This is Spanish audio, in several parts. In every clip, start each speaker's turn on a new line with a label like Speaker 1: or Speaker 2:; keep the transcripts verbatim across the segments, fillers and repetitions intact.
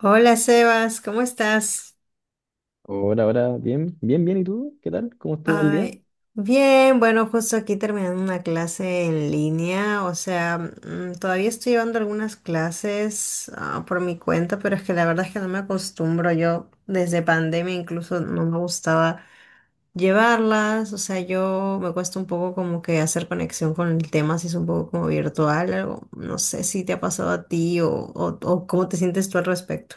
Speaker 1: Hola Sebas, ¿cómo estás?
Speaker 2: Hola, hola, bien, bien, bien. ¿Y tú? ¿Qué tal? ¿Cómo estuvo el día?
Speaker 1: Ay, bien, bueno, justo aquí terminando una clase en línea, o sea, mm, todavía estoy llevando algunas clases ah, por mi cuenta, pero es que la verdad es que no me acostumbro. Yo desde pandemia incluso no me gustaba llevarlas, o sea, yo me cuesta un poco como que hacer conexión con el tema, si es un poco como virtual, algo, no sé si te ha pasado a ti o, o, o cómo te sientes tú al respecto.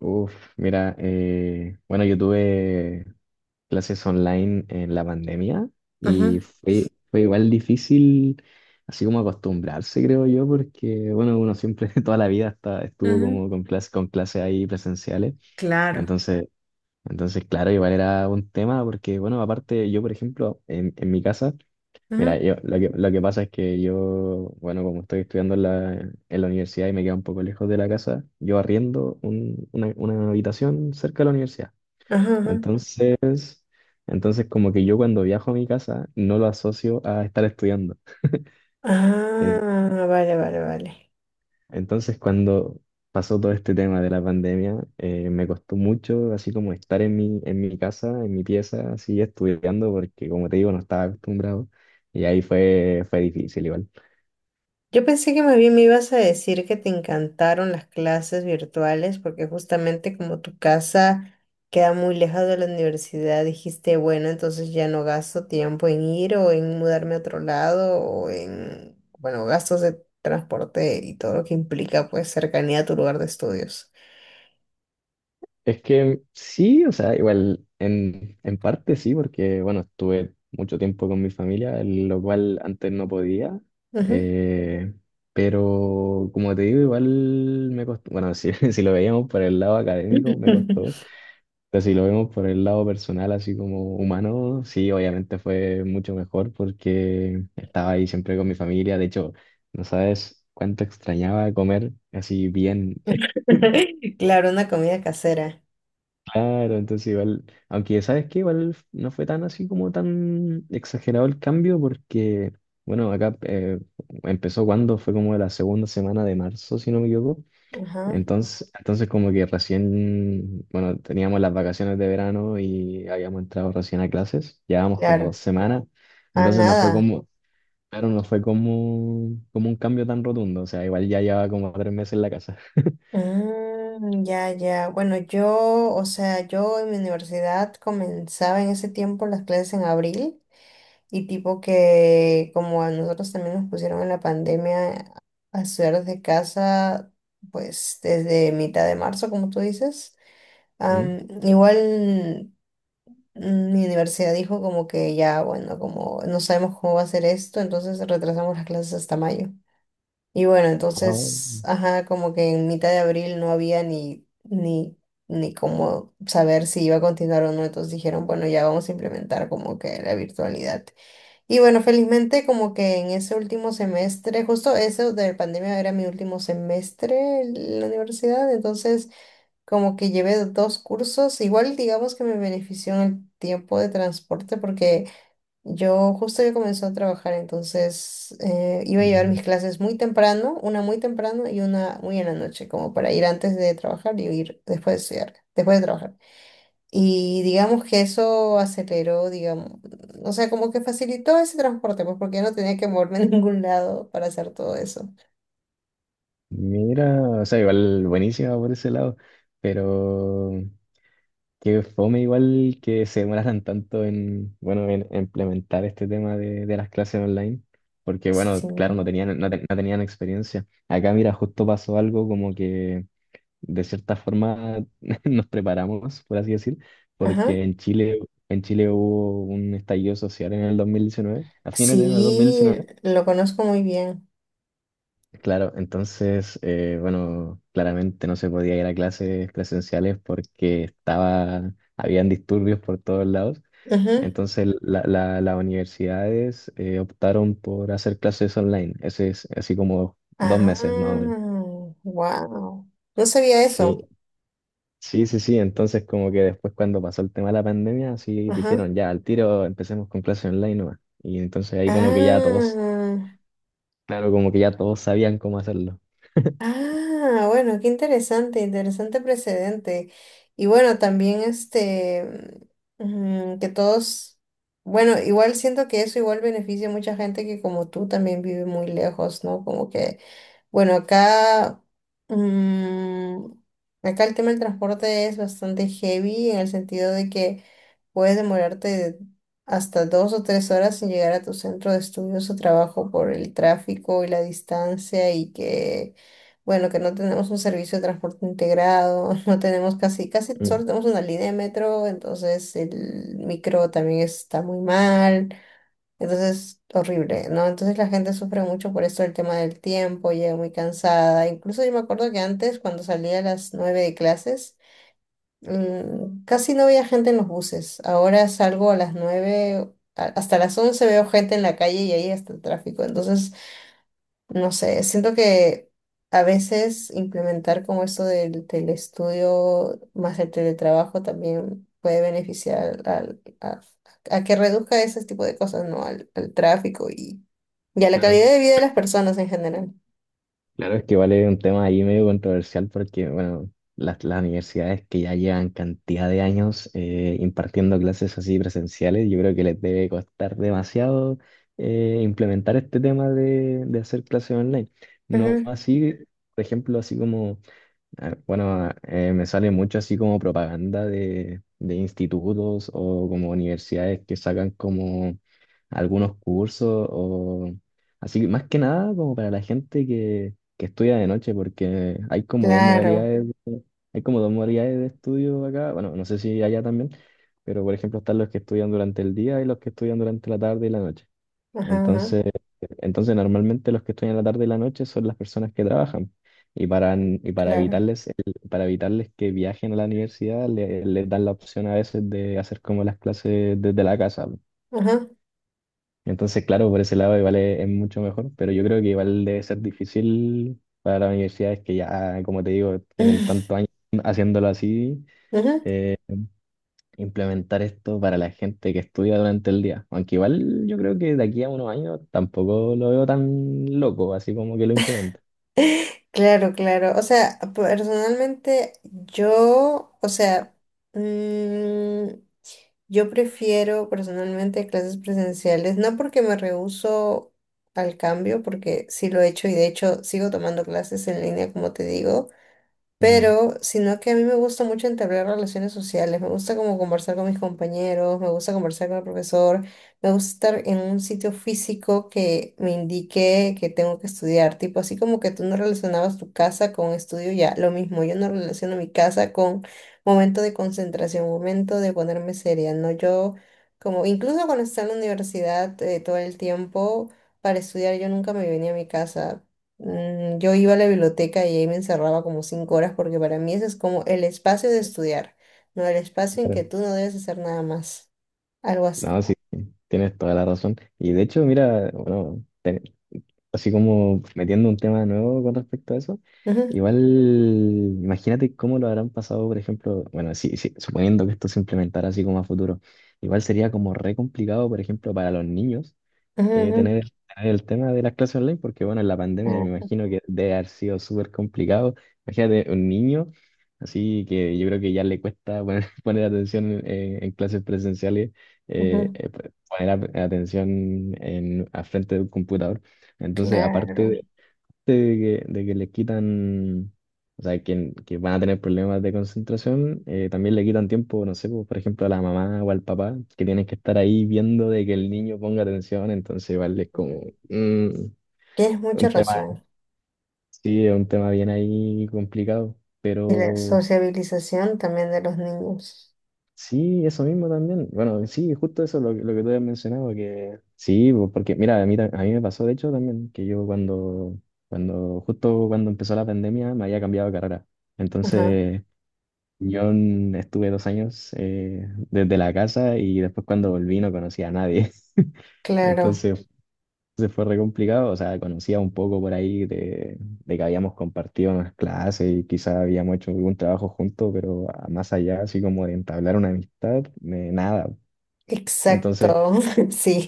Speaker 2: Uf, mira, eh, bueno, yo tuve clases online en la pandemia y
Speaker 1: Ujú,
Speaker 2: fue, fue igual difícil, así como acostumbrarse, creo yo, porque, bueno, uno siempre toda la vida hasta estuvo
Speaker 1: ujú.
Speaker 2: como con clases con clases ahí presenciales.
Speaker 1: Claro.
Speaker 2: Entonces, entonces, claro, igual era un tema porque, bueno, aparte yo, por ejemplo, en, en mi casa. Mira,
Speaker 1: Ujú,
Speaker 2: yo, lo que, lo que pasa es que yo, bueno, como estoy estudiando en la, en la universidad y me queda un poco lejos de la casa, yo arriendo un- una, una habitación cerca de la universidad.
Speaker 1: ujú, ujú.
Speaker 2: Entonces, entonces como que yo cuando viajo a mi casa no lo asocio a estar estudiando. En-
Speaker 1: Ah, vale, vale, vale.
Speaker 2: Entonces, cuando pasó todo este tema de la pandemia, eh, me costó mucho así como estar en mi, en mi casa, en mi pieza, así estudiando, porque como te digo, no estaba acostumbrado. Y ahí fue, fue difícil igual.
Speaker 1: Yo pensé que más bien me ibas a decir que te encantaron las clases virtuales porque justamente como tu casa queda muy lejos de la universidad, dijiste, bueno, entonces ya no gasto tiempo en ir o en mudarme a otro lado o en, bueno, gastos de transporte y todo lo que implica pues cercanía a tu lugar de estudios.
Speaker 2: Es que sí, o sea, igual en, en parte sí, porque bueno, estuve mucho tiempo con mi familia, lo cual antes no podía.
Speaker 1: Ujú.
Speaker 2: Eh, pero como te digo, igual me costó, bueno, si, si lo veíamos por el lado académico, me costó, pero si lo vemos por el lado personal, así como humano, sí, obviamente fue mucho mejor porque estaba ahí siempre con mi familia. De hecho, no sabes cuánto extrañaba comer así bien.
Speaker 1: Claro, una comida casera.
Speaker 2: Claro, entonces igual, aunque sabes que igual no fue tan así como tan exagerado el cambio porque, bueno, acá eh, empezó cuando fue como la segunda semana de marzo, si no me equivoco.
Speaker 1: Ajá,
Speaker 2: Entonces, entonces como que recién, bueno, teníamos las vacaciones de verano y habíamos entrado recién a clases, llevábamos como dos
Speaker 1: claro.
Speaker 2: semanas,
Speaker 1: Ah,
Speaker 2: entonces no fue
Speaker 1: nada.
Speaker 2: como, claro, no fue como, como un cambio tan rotundo, o sea, igual ya llevaba como tres meses en la casa.
Speaker 1: Mm, ya, ya. Bueno, yo, o sea, yo en mi universidad comenzaba en ese tiempo las clases en abril y tipo que como a nosotros también nos pusieron en la pandemia a estudiar desde casa, pues desde mitad de marzo, como tú dices.
Speaker 2: ¿Mm?
Speaker 1: Am, igual mm, mi universidad dijo como que ya, bueno, como no sabemos cómo va a ser esto, entonces retrasamos las clases hasta mayo. Y bueno, entonces, ajá, como que en mitad de abril no había ni, ni, ni cómo saber si iba a continuar o no. Entonces dijeron, bueno, ya vamos a implementar como que la virtualidad. Y bueno, felizmente como que en ese último semestre, justo eso de la pandemia era mi último semestre en la universidad. Entonces, como que llevé dos cursos. Igual digamos que me benefició en el tiempo de transporte porque yo justo ya comenzó a trabajar, entonces eh, iba a llevar mis
Speaker 2: Ah,
Speaker 1: clases muy temprano, una muy temprano y una muy en la noche, como para ir antes de trabajar y ir después de estudiar, después de trabajar. Y digamos que eso aceleró, digamos, o sea, como que facilitó ese transporte, pues porque ya no tenía que moverme a ningún lado para hacer todo eso.
Speaker 2: mira, o sea, igual buenísima por ese lado, pero qué fome igual que se demoraran tanto en, bueno, en implementar este tema de, de las clases online, porque bueno,
Speaker 1: Sí,
Speaker 2: claro, no tenían, no, te- no tenían experiencia. Acá, mira, justo pasó algo como que de cierta forma nos preparamos, por así decir,
Speaker 1: ajá.
Speaker 2: porque en Chile, en Chile hubo un estallido social en el dos mil diecinueve, a fines de dos mil
Speaker 1: Sí,
Speaker 2: diecinueve.
Speaker 1: lo conozco muy bien.
Speaker 2: Claro, entonces, eh, bueno, claramente no se podía ir a clases presenciales porque estaba, habían disturbios por todos lados.
Speaker 1: Ajá.
Speaker 2: Entonces, la- la- las universidades eh, optaron por hacer clases online. Ese es así como dos meses más o menos.
Speaker 1: Ah, wow. No sabía
Speaker 2: Sí,
Speaker 1: eso.
Speaker 2: sí, sí, sí. Entonces, como que después cuando pasó el tema de la pandemia, sí
Speaker 1: Ajá.
Speaker 2: dijeron ya, al tiro empecemos con clases online nomás. Y entonces ahí como que ya todos,
Speaker 1: Ah,
Speaker 2: claro, como que ya todos sabían cómo hacerlo.
Speaker 1: ah, bueno, qué interesante, interesante precedente. Y bueno, también este, mm, que todos, bueno, igual siento que eso igual beneficia a mucha gente que como tú también vive muy lejos, ¿no? Como que, bueno, acá, mm, acá el tema del transporte es bastante heavy en el sentido de que puedes demorarte hasta dos o tres horas en llegar a tu centro de estudios o trabajo por el tráfico y la distancia y que, bueno, que no tenemos un servicio de transporte integrado, no tenemos casi, casi
Speaker 2: Mm,
Speaker 1: solo tenemos una línea de metro, entonces el micro también está muy mal, entonces horrible, ¿no? Entonces la gente sufre mucho por esto el tema del tiempo, llega muy cansada. Incluso yo me acuerdo que antes, cuando salía a las nueve de clases, Mm, casi no había gente en los buses. Ahora salgo a las nueve a- hasta las once veo gente en la calle y ahí está el tráfico. Entonces, no sé, siento que a veces implementar como esto del telestudio más el teletrabajo también puede beneficiar al, a, a que reduzca ese tipo de cosas, ¿no? Al, al tráfico y, y a la
Speaker 2: claro.
Speaker 1: calidad de vida de las personas en general.
Speaker 2: Claro, es que vale un tema ahí medio controversial porque, bueno, las, las universidades que ya llevan cantidad de años eh, impartiendo clases así presenciales, yo creo que les debe costar demasiado eh, implementar este tema de, de hacer clases online. No
Speaker 1: Ujú.
Speaker 2: así, por ejemplo, así como. Ah, bueno, eh, me sale mucho así como propaganda de, de institutos o como universidades que sacan como algunos cursos o así, que más que nada como para la gente que, que estudia de noche, porque hay como dos
Speaker 1: Claro,
Speaker 2: modalidades, de- hay como dos modalidades de estudio acá. Bueno, no sé si allá también, pero por ejemplo están los que estudian durante el día y los que estudian durante la tarde y la noche.
Speaker 1: ajá, ajá,
Speaker 2: Entonces, entonces normalmente los que estudian la tarde y la noche son las personas que trabajan. Y para, y para
Speaker 1: claro,
Speaker 2: evitarles, el- para evitarles que viajen a la universidad, le- les dan la opción a veces de hacer como las clases desde la casa.
Speaker 1: ajá.
Speaker 2: Entonces, claro, por ese lado igual es, es mucho mejor, pero yo creo que igual debe ser difícil para las universidades que ya, como te digo, tienen tantos años haciéndolo así.
Speaker 1: Ujú.
Speaker 2: eh, implementar esto para la gente que estudia durante el día. Aunque igual yo creo que de aquí a unos años tampoco lo veo tan loco, así como que lo implemente.
Speaker 1: Claro, claro. O sea, personalmente yo, o sea, mm, yo prefiero personalmente clases presenciales, no porque me rehúso al cambio, porque sí lo he hecho y de hecho sigo tomando clases en línea, como te digo.
Speaker 2: Mm,
Speaker 1: Pero, sino que a mí me gusta mucho entablar relaciones sociales, me gusta como conversar con mis compañeros, me gusta conversar con el profesor, me gusta estar en un sitio físico que me indique que tengo que estudiar, tipo así como que tú no relacionabas tu casa con estudio, ya, lo mismo, yo no relaciono mi casa con momento de concentración, momento de ponerme seria, ¿no? Yo, como, incluso cuando estaba en la universidad eh, todo el tiempo para estudiar, yo nunca me venía a mi casa. Mm, Yo iba a la biblioteca y ahí me encerraba como cinco horas porque para mí ese es como el espacio de estudiar, no el espacio en que tú
Speaker 2: claro.
Speaker 1: no debes hacer nada más, algo
Speaker 2: No,
Speaker 1: así.
Speaker 2: sí, tienes toda la razón. Y de hecho, mira, bueno, así como metiendo un tema nuevo con respecto a eso,
Speaker 1: Ujú,
Speaker 2: igual imagínate cómo lo habrán pasado, por ejemplo, bueno, sí, sí, suponiendo que esto se implementara así como a futuro, igual sería como re complicado, por ejemplo, para los niños eh,
Speaker 1: ujú,
Speaker 2: tener, el tener el tema de las clases online, porque bueno, en la pandemia me imagino que debe haber sido súper complicado. Imagínate un niño, así que yo creo que ya le cuesta poner, poner atención eh, en, clases presenciales, eh,
Speaker 1: ujú.
Speaker 2: eh, poner a- atención en, a frente de un computador. Entonces,
Speaker 1: Claro,
Speaker 2: aparte
Speaker 1: ujú,
Speaker 2: de que, de que le quitan, o sea, que, que van a tener problemas de concentración, eh, también le quitan tiempo, no sé, pues, por ejemplo, a la mamá o al papá, que tienen que estar ahí viendo de que el niño ponga atención, entonces igual es como
Speaker 1: claro.
Speaker 2: mm,
Speaker 1: Tienes
Speaker 2: un
Speaker 1: mucha
Speaker 2: tema,
Speaker 1: razón.
Speaker 2: sí, es un tema bien ahí complicado,
Speaker 1: Y la
Speaker 2: pero.
Speaker 1: sociabilización también de los niños.
Speaker 2: Sí, eso mismo también. Bueno, sí, justo eso lo, que- lo que tú habías mencionado, que sí, po- porque mira, a mí, ta- a mí me pasó de hecho también que yo cuando, cuando, justo cuando empezó la pandemia me había cambiado de carrera.
Speaker 1: Ajá,
Speaker 2: Entonces, yo en- estuve dos años eh, desde la casa y después cuando volví no conocía a nadie.
Speaker 1: claro,
Speaker 2: Entonces se fue re complicado, o sea, conocía un poco por ahí de, de que habíamos compartido unas clases y quizás habíamos hecho algún trabajo juntos, pero a- más allá, así como de entablar una amistad, eh, nada.
Speaker 1: exacto,
Speaker 2: Entonces,
Speaker 1: sí.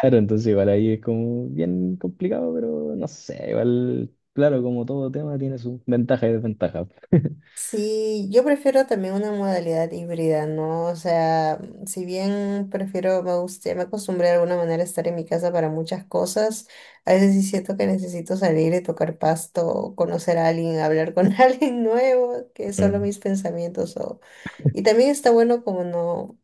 Speaker 2: claro, entonces igual ahí es como bien complicado, pero no sé, igual, claro, como todo tema tiene sus ventajas y desventajas.
Speaker 1: Sí, yo prefiero también una modalidad híbrida, ¿no? O sea, si bien prefiero, me gusta, me acostumbré de alguna manera a estar en mi casa para muchas cosas, a veces sí siento que necesito salir y tocar pasto, conocer a alguien, hablar con alguien nuevo, que solo
Speaker 2: Mm,
Speaker 1: mis pensamientos o... Y también está bueno como no,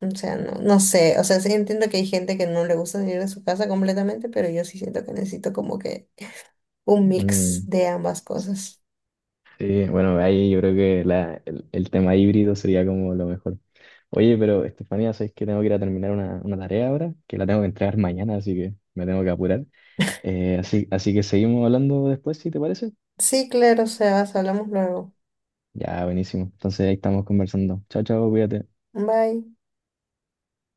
Speaker 1: o sea, no, no sé, o sea, sí entiendo que hay gente que no le gusta salir de su casa completamente, pero yo sí siento que necesito como que un mix
Speaker 2: mm.
Speaker 1: de ambas cosas.
Speaker 2: Sí, bueno, ahí yo creo que la- el, el tema híbrido sería como lo mejor. Oye, pero Estefanía, sabes que tengo que ir a terminar una, una tarea ahora, que la tengo que entregar mañana, así que me tengo que apurar. Eh, así, así que seguimos hablando después, si te parece.
Speaker 1: Sí, claro, Sebas, hablamos luego.
Speaker 2: Ya, buenísimo. Entonces ahí estamos conversando. Chao, chao, cuídate.
Speaker 1: Bye.